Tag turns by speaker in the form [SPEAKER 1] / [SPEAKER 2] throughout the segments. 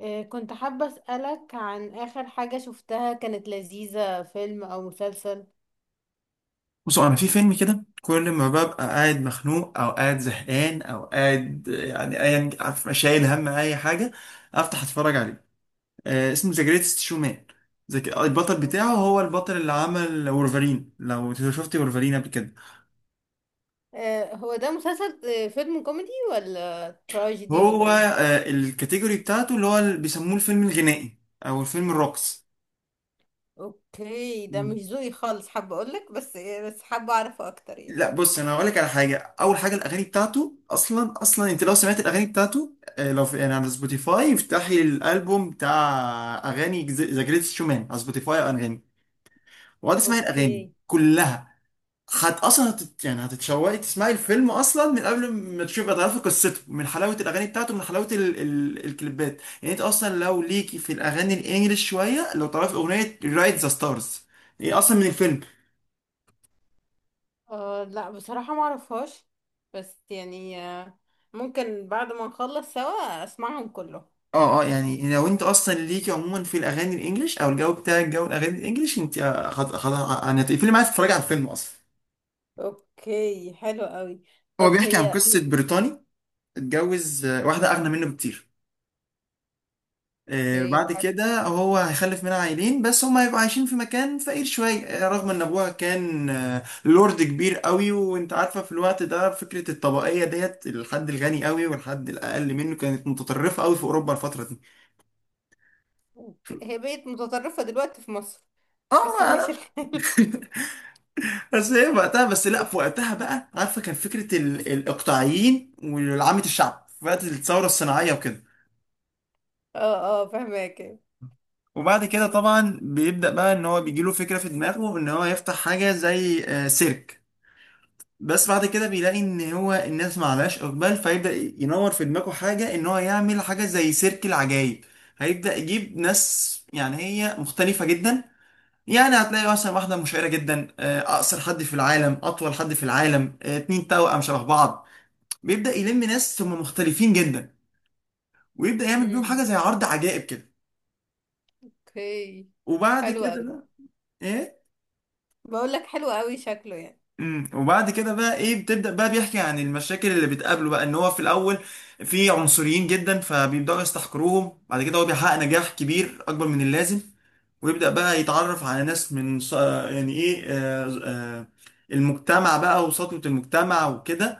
[SPEAKER 1] كنت حابة أسألك عن آخر حاجة شفتها كانت لذيذة، فيلم أو مسلسل؟
[SPEAKER 2] بصوا، انا في فيلم كده كل ما ببقى قاعد مخنوق او قاعد زهقان او قاعد، يعني ايا عارف، شايل هم اي حاجه افتح اتفرج عليه. اسمه ذا جريتست شومان. البطل بتاعه هو البطل اللي عمل وولفرين، لو شفت وولفرين قبل كده.
[SPEAKER 1] هو ده مسلسل فيلم كوميدي ولا تراجيدي ولا
[SPEAKER 2] هو
[SPEAKER 1] ايه؟
[SPEAKER 2] الكاتيجوري بتاعته، اللي هو اللي بيسموه الفيلم الغنائي او الفيلم الرقص.
[SPEAKER 1] اوكي، ده مش ذوقي خالص، حابة اقولك بس حابة اعرفه اكتر يعني.
[SPEAKER 2] لا، بص، انا هقول لك على حاجه. اول حاجه الاغاني بتاعته. اصلا انت لو سمعت الاغاني بتاعته، لو في يعني على سبوتيفاي، افتحي الالبوم بتاع اغاني ذا جريتست شومان على سبوتيفاي، اغاني، وقعد اسمعي الاغاني
[SPEAKER 1] اوكي.
[SPEAKER 2] كلها. اصلا يعني هتتشوقي تسمعي الفيلم اصلا من قبل ما تشوفي تعرفي قصته، من حلاوه الاغاني بتاعته، من حلاوه الكليبات. يعني انت اصلا لو ليكي في الاغاني الانجليش شويه، لو تعرفي اغنيه رايت ذا ستارز، هي اصلا من الفيلم.
[SPEAKER 1] آه لا، بصراحة ما اعرفهاش. بس يعني ممكن بعد ما نخلص سوا اسمعهم كلهم.
[SPEAKER 2] اه، اه، يعني لو انت اصلا ليكي عموما في الاغاني الانجليش، او الجو بتاعك جو الاغاني الانجليش، انت يعني هتقفلي معايا تتفرجي على الفيلم اصلا.
[SPEAKER 1] اوكي حلو قوي.
[SPEAKER 2] هو
[SPEAKER 1] طب
[SPEAKER 2] بيحكي عن
[SPEAKER 1] هي.
[SPEAKER 2] قصه بريطاني اتجوز واحده اغنى منه بكتير.
[SPEAKER 1] اوكي
[SPEAKER 2] بعد
[SPEAKER 1] حلو.
[SPEAKER 2] كده هو هيخلف منها عيلين، بس هم هيبقوا عايشين في مكان فقير شويه، رغم ان ابوها كان لورد كبير قوي. وانت عارفه في الوقت ده فكره الطبقيه ديت، الحد الغني قوي والحد الاقل منه، كانت متطرفه قوي في اوروبا الفتره دي.
[SPEAKER 1] أوكي. هي بقت متطرفة دلوقتي في مصر،
[SPEAKER 2] اه،
[SPEAKER 1] بس
[SPEAKER 2] ما
[SPEAKER 1] ماشي
[SPEAKER 2] أنا.
[SPEAKER 1] الحال.
[SPEAKER 2] بس هي وقتها، بس لا، في وقتها بقى، عارفه، كان فكره الاقطاعيين وعامه الشعب في وقت الثوره الصناعيه وكده.
[SPEAKER 1] اه اه فهماك.
[SPEAKER 2] وبعد كده طبعا بيبدا بقى ان هو بيجيله فكره في دماغه ان هو يفتح حاجه زي سيرك. بس بعد كده بيلاقي ان هو الناس ما عليهاش اقبال، فيبدا ينور في دماغه حاجه ان هو يعمل حاجه زي سيرك العجايب. هيبدا يجيب ناس يعني هي مختلفه جدا. يعني هتلاقي مثلا واحدة مشهورة جدا، أقصر حد في العالم، أطول حد في العالم، اتنين توأم شبه بعض. بيبدأ يلم ناس ثم مختلفين جدا، ويبدأ يعمل بيهم حاجة
[SPEAKER 1] امم.
[SPEAKER 2] زي عرض عجائب كده.
[SPEAKER 1] اوكي
[SPEAKER 2] وبعد
[SPEAKER 1] حلو
[SPEAKER 2] كده
[SPEAKER 1] قوي.
[SPEAKER 2] بقى ايه
[SPEAKER 1] بقول لك حلو قوي شكله يعني.
[SPEAKER 2] وبعد كده بقى ايه بتبدأ بقى بيحكي عن المشاكل اللي بتقابله. بقى ان هو في الاول في عنصريين جدا، فبيبدأوا يستحقروهم. بعد كده هو بيحقق نجاح كبير اكبر من اللازم، ويبدأ بقى يتعرف على ناس من يعني ايه المجتمع بقى وسطوة المجتمع وكده،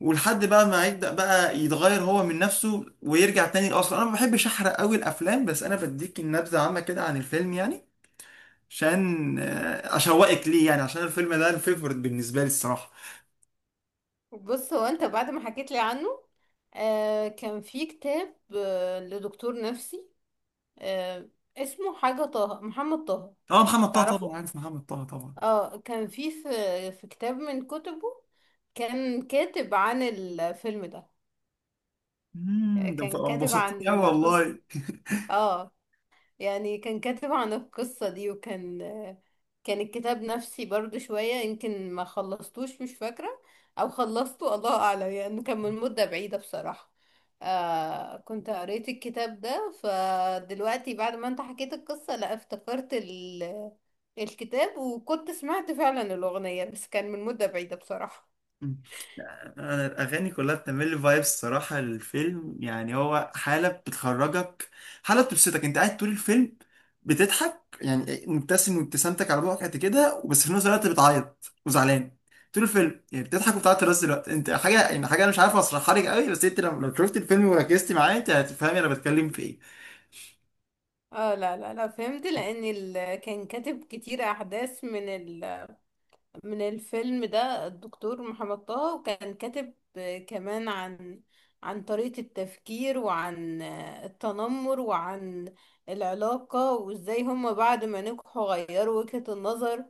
[SPEAKER 2] ولحد بقى ما يبدأ بقى يتغير هو من نفسه ويرجع تاني لأصله. انا ما بحبش احرق قوي الافلام، بس انا بديك النبذة عامة كده عن الفيلم يعني، عشان اشوقك ليه، يعني عشان الفيلم ده الفيفوريت بالنسبه لي الصراحه.
[SPEAKER 1] بص هو، انت بعد ما حكيت لي عنه، آه كان في كتاب آه لدكتور نفسي آه، اسمه حاجة طه، محمد طه.
[SPEAKER 2] اه، محمد طه طبعا
[SPEAKER 1] تعرفه؟
[SPEAKER 2] عارف محمد طه طبعا.
[SPEAKER 1] اه كان في في كتاب من كتبه، كان كاتب عن الفيلم ده،
[SPEAKER 2] ده
[SPEAKER 1] كان كاتب
[SPEAKER 2] انبسطتني قوي
[SPEAKER 1] عن قصة.
[SPEAKER 2] والله.
[SPEAKER 1] اه يعني كان كاتب عن القصة دي، وكان، كان الكتاب نفسي برضو شوية، يمكن ما خلصتوش مش فاكرة، او خلصته الله اعلم، يعني كان من مدة بعيدة بصراحة. آه كنت قريت الكتاب ده، فدلوقتي بعد ما انت حكيت القصة، لا افتكرت ال، الكتاب، وكنت سمعت فعلا الأغنية بس كان من مدة بعيدة بصراحة.
[SPEAKER 2] مم. انا الاغاني كلها بتعمل لي فايبس الصراحه. الفيلم يعني هو حاله بتخرجك، حاله بتبسطك. انت قاعد طول الفيلم بتضحك، يعني مبتسم، وابتسامتك على بوقك قد كده، بس في نفس الوقت بتعيط وزعلان. طول الفيلم يعني بتضحك وبتعيط في نفس الوقت، انت حاجه يعني، حاجه انا مش عارف اشرحها لك قوي. بس انت لو شفت الفيلم وركزت معاه انت هتفهمي انا بتكلم في ايه.
[SPEAKER 1] اه لا لا لا، فهمت، لأن ال... كان كاتب كتير أحداث من من الفيلم ده. الدكتور محمد طه كان كاتب كمان عن عن طريقة التفكير، وعن التنمر، وعن العلاقة، وازاي هما بعد ما نجحوا غيروا وجهة النظر.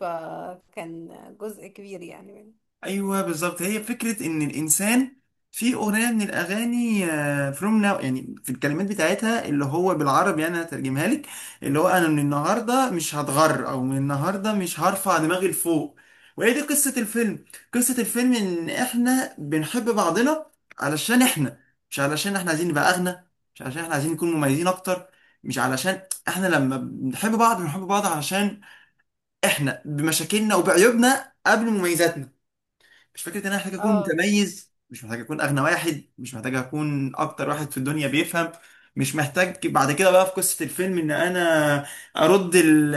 [SPEAKER 1] فكان جزء كبير يعني منه.
[SPEAKER 2] ايوه، بالظبط، هي فكره ان الانسان في اغنيه من الاغاني فروم ناو، يعني في الكلمات بتاعتها، اللي هو بالعربي يعني انا هترجمها لك، اللي هو انا من النهارده مش هتغر او من النهارده مش هرفع دماغي لفوق. وهي دي قصه الفيلم. قصه الفيلم ان احنا بنحب بعضنا علشان احنا، مش علشان احنا عايزين نبقى اغنى، مش علشان احنا عايزين نكون مميزين اكتر، مش علشان. احنا لما بنحب بعض، بنحب بعض علشان احنا بمشاكلنا وبعيوبنا قبل مميزاتنا. مش فكره ان انا محتاج اكون
[SPEAKER 1] اه
[SPEAKER 2] متميز، مش محتاج اكون اغنى واحد، مش محتاج اكون اكتر واحد في الدنيا بيفهم. مش محتاج بعد كده بقى في قصه الفيلم ان انا ارد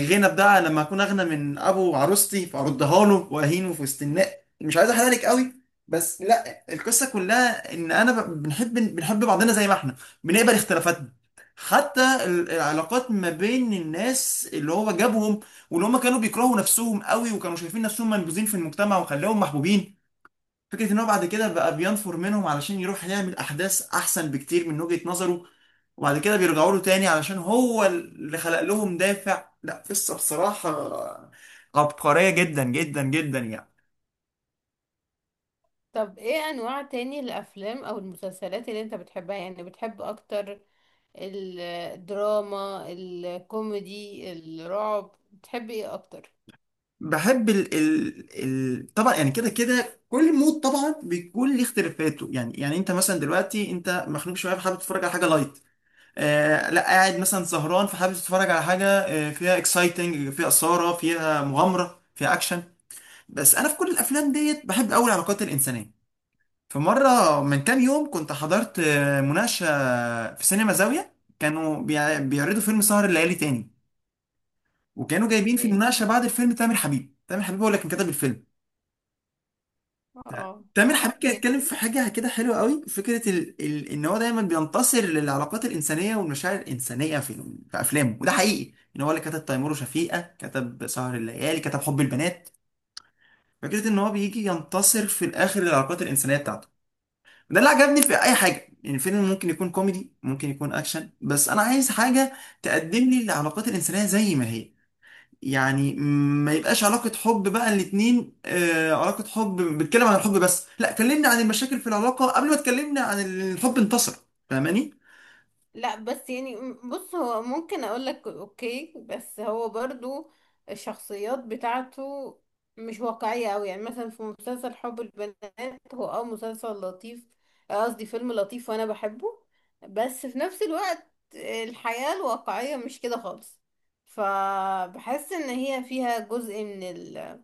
[SPEAKER 2] الغنى بتاع لما اكون اغنى من ابو عروستي فاردها له واهينه في وسط الناس. مش عايز احرق لك قوي، بس لا، القصه كلها ان انا بنحب بعضنا زي ما احنا، بنقبل اختلافاتنا. حتى العلاقات ما بين الناس اللي هو جابهم، واللي هم كانوا بيكرهوا نفسهم قوي وكانوا شايفين نفسهم منبوذين في المجتمع، وخلاهم محبوبين. فكرة ان هو بعد كده بقى بينفر منهم علشان يروح يعمل احداث احسن بكتير من وجهة نظره، وبعد كده بيرجعوا له تاني علشان هو اللي خلق لهم دافع. لا، قصة بصراحة عبقرية جدا جدا جدا يعني.
[SPEAKER 1] طب ايه انواع تاني الافلام او المسلسلات اللي انت بتحبها، يعني بتحب اكتر الدراما، الكوميدي، الرعب، بتحب ايه اكتر؟
[SPEAKER 2] بحب ال ال ال طبعا، يعني كده كده كل مود طبعا بيكون ليه اختلافاته، يعني انت مثلا دلوقتي انت مخنوق شويه فحابب تتفرج على حاجه لايت. لا، قاعد مثلا سهران فحابب تتفرج على حاجه فيها اكسايتنج، فيها اثاره، فيها مغامره، فيها اكشن. بس انا في كل الافلام ديت بحب قوي العلاقات الانسانيه. فمره من كام يوم كنت حضرت مناقشه في سينما زاويه، كانوا بيعرضوا فيلم سهر الليالي تاني، وكانوا جايبين في
[SPEAKER 1] اوكي.
[SPEAKER 2] المناقشه بعد الفيلم تامر حبيب. تامر حبيب هو اللي كان كتب الفيلم.
[SPEAKER 1] اه
[SPEAKER 2] تامر حبيب كان اتكلم في حاجة كده حلوة قوي، فكرة ان هو دايما بينتصر للعلاقات الإنسانية والمشاعر الإنسانية في أفلامه. وده حقيقي ان هو اللي كتب تيمور وشفيقة، كتب سهر الليالي، كتب حب البنات. فكرة ان هو بيجي ينتصر في الآخر للعلاقات الإنسانية بتاعته، وده اللي عجبني في أي حاجة. يعني الفيلم ممكن يكون كوميدي، ممكن يكون أكشن، بس أنا عايز حاجة تقدم لي العلاقات الإنسانية زي ما هي. يعني ما يبقاش علاقة حب بقى الاتنين علاقة حب بتكلم عن الحب، بس لا، كلمني عن المشاكل في العلاقة قبل ما تكلمني عن الحب انتصر. فاهماني؟
[SPEAKER 1] لا بس يعني بص، هو ممكن اقول لك اوكي، بس هو برضو الشخصيات بتاعته مش واقعية قوي. يعني مثلا في مسلسل حب البنات، هو اه مسلسل لطيف، آه قصدي فيلم لطيف وانا بحبه، بس في نفس الوقت الحياة الواقعية مش كده خالص. فبحس ان هي فيها جزء من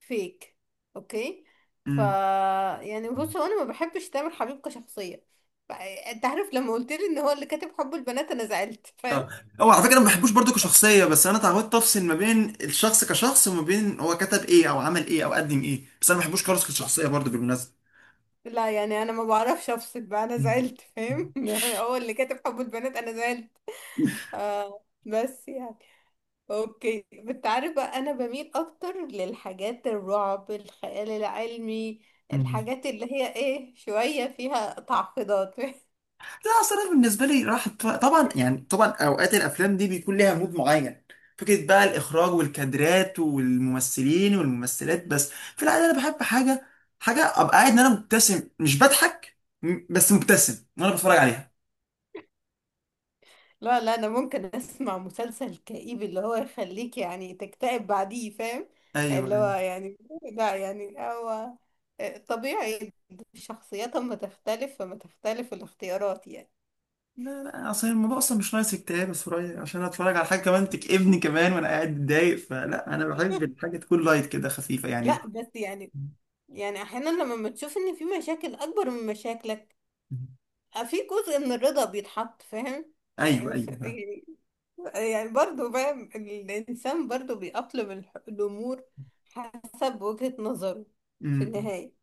[SPEAKER 1] فيك. اوكي. ف،
[SPEAKER 2] امم
[SPEAKER 1] يعني بص، هو انا ما بحبش تامر حبيب كشخصيه. انت عارف لما قلت لي ان هو اللي كاتب حب البنات، انا زعلت
[SPEAKER 2] اه،
[SPEAKER 1] فاهم.
[SPEAKER 2] هو على فكرة انا ما بحبوش برضو كشخصية، بس انا اتعودت افصل ما بين الشخص كشخص وما بين هو كتب ايه او عمل ايه او قدم ايه، بس انا ما بحبوش خالص
[SPEAKER 1] لا
[SPEAKER 2] كشخصية برضو بالمناسبة.
[SPEAKER 1] لا، يعني انا ما بعرفش افصل بقى، انا زعلت فاهم. هو اللي كاتب حب البنات انا زعلت. آه بس يعني، اوكي، انت عارف بقى انا بميل اكتر للحاجات الرعب، الخيال العلمي،
[SPEAKER 2] مم.
[SPEAKER 1] الحاجات اللي هي ايه شويه فيها تعقيدات.
[SPEAKER 2] لا، اصل انا بالنسبه لي راحت طبعا، يعني طبعا اوقات الافلام دي بيكون ليها مود معين، فكره بقى الاخراج والكادرات والممثلين والممثلات. بس في العاده انا بحب حاجه ابقى قاعد ان انا مبتسم مش بضحك، بس مبتسم وانا بتفرج عليها.
[SPEAKER 1] لا لا، انا ممكن اسمع مسلسل كئيب اللي هو يخليك يعني تكتئب بعديه، فاهم؟
[SPEAKER 2] ايوه،
[SPEAKER 1] اللي هو
[SPEAKER 2] ايوه.
[SPEAKER 1] يعني، لا يعني هو طبيعي، الشخصيات اما تختلف فما تختلف الاختيارات يعني.
[SPEAKER 2] لا، لا، اصل الموضوع اصلا مش ناقص اكتئاب يا سوريا عشان اتفرج على حاجه كمان تكئبني كمان وانا قاعد متضايق. فلا، انا بحب الحاجه تكون لايت كده، خفيفه يعني.
[SPEAKER 1] لا بس يعني، يعني احيانا لما بتشوف ان في مشاكل اكبر من مشاكلك، في جزء من الرضا بيتحط، فاهم؟
[SPEAKER 2] ايوه،
[SPEAKER 1] يعني
[SPEAKER 2] ايوه.
[SPEAKER 1] يعني، يعني برضه فاهم، الانسان برضه بيأقلم الامور حسب وجهة نظره في النهاية.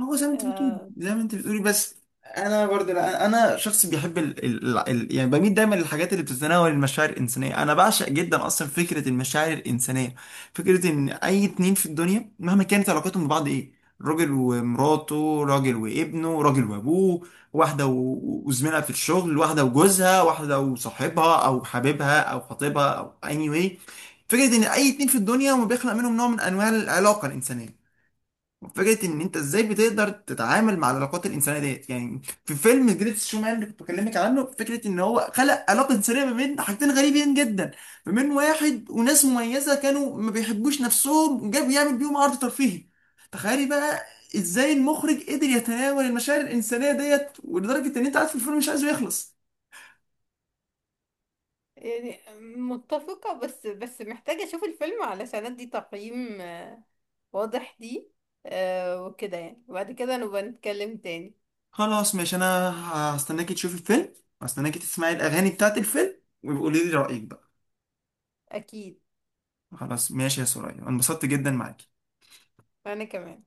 [SPEAKER 2] هو زي ما انت بتقولي
[SPEAKER 1] آه،
[SPEAKER 2] زي ما انت بتقولي بس انا برضه، لا انا شخص بيحب يعني بميل دايما للحاجات اللي بتتناول المشاعر الانسانيه. انا بعشق جدا اصلا فكره المشاعر الانسانيه. فكره ان اي اتنين في الدنيا مهما كانت علاقتهم ببعض ايه، راجل ومراته، راجل وابنه، راجل وابوه، واحده وزميلها في الشغل، واحده وجوزها، واحده وصاحبها او حبيبها او خطيبها او اني anyway. فكره ان اي اتنين في الدنيا هم بيخلق منهم نوع من انواع العلاقه الانسانيه. فكره ان انت ازاي بتقدر تتعامل مع العلاقات الانسانيه ديت يعني. في فيلم جريتس شومان اللي كنت بكلمك عنه، فكره ان هو خلق علاقه انسانيه ما بين حاجتين غريبين جدا، ما بين واحد وناس مميزه كانوا ما بيحبوش نفسهم، جاب يعمل بيهم عرض ترفيهي. تخيلي بقى ازاي المخرج قدر يتناول المشاعر الانسانيه ديت، ولدرجه ان انت قاعد في الفيلم مش عايزه يخلص.
[SPEAKER 1] يعني متفقة، بس محتاجة أشوف الفيلم علشان أدي تقييم واضح دي وكده يعني، وبعد كده نبقى نتكلم تاني.
[SPEAKER 2] خلاص، ماشي. انا هستناكي تشوفي الفيلم، هستناكي تسمعي الاغاني بتاعت الفيلم، وقولي لي رايك بقى.
[SPEAKER 1] أكيد.
[SPEAKER 2] خلاص، ماشي يا سوريا، أنا انبسطت جدا معاك.
[SPEAKER 1] وأنا كمان.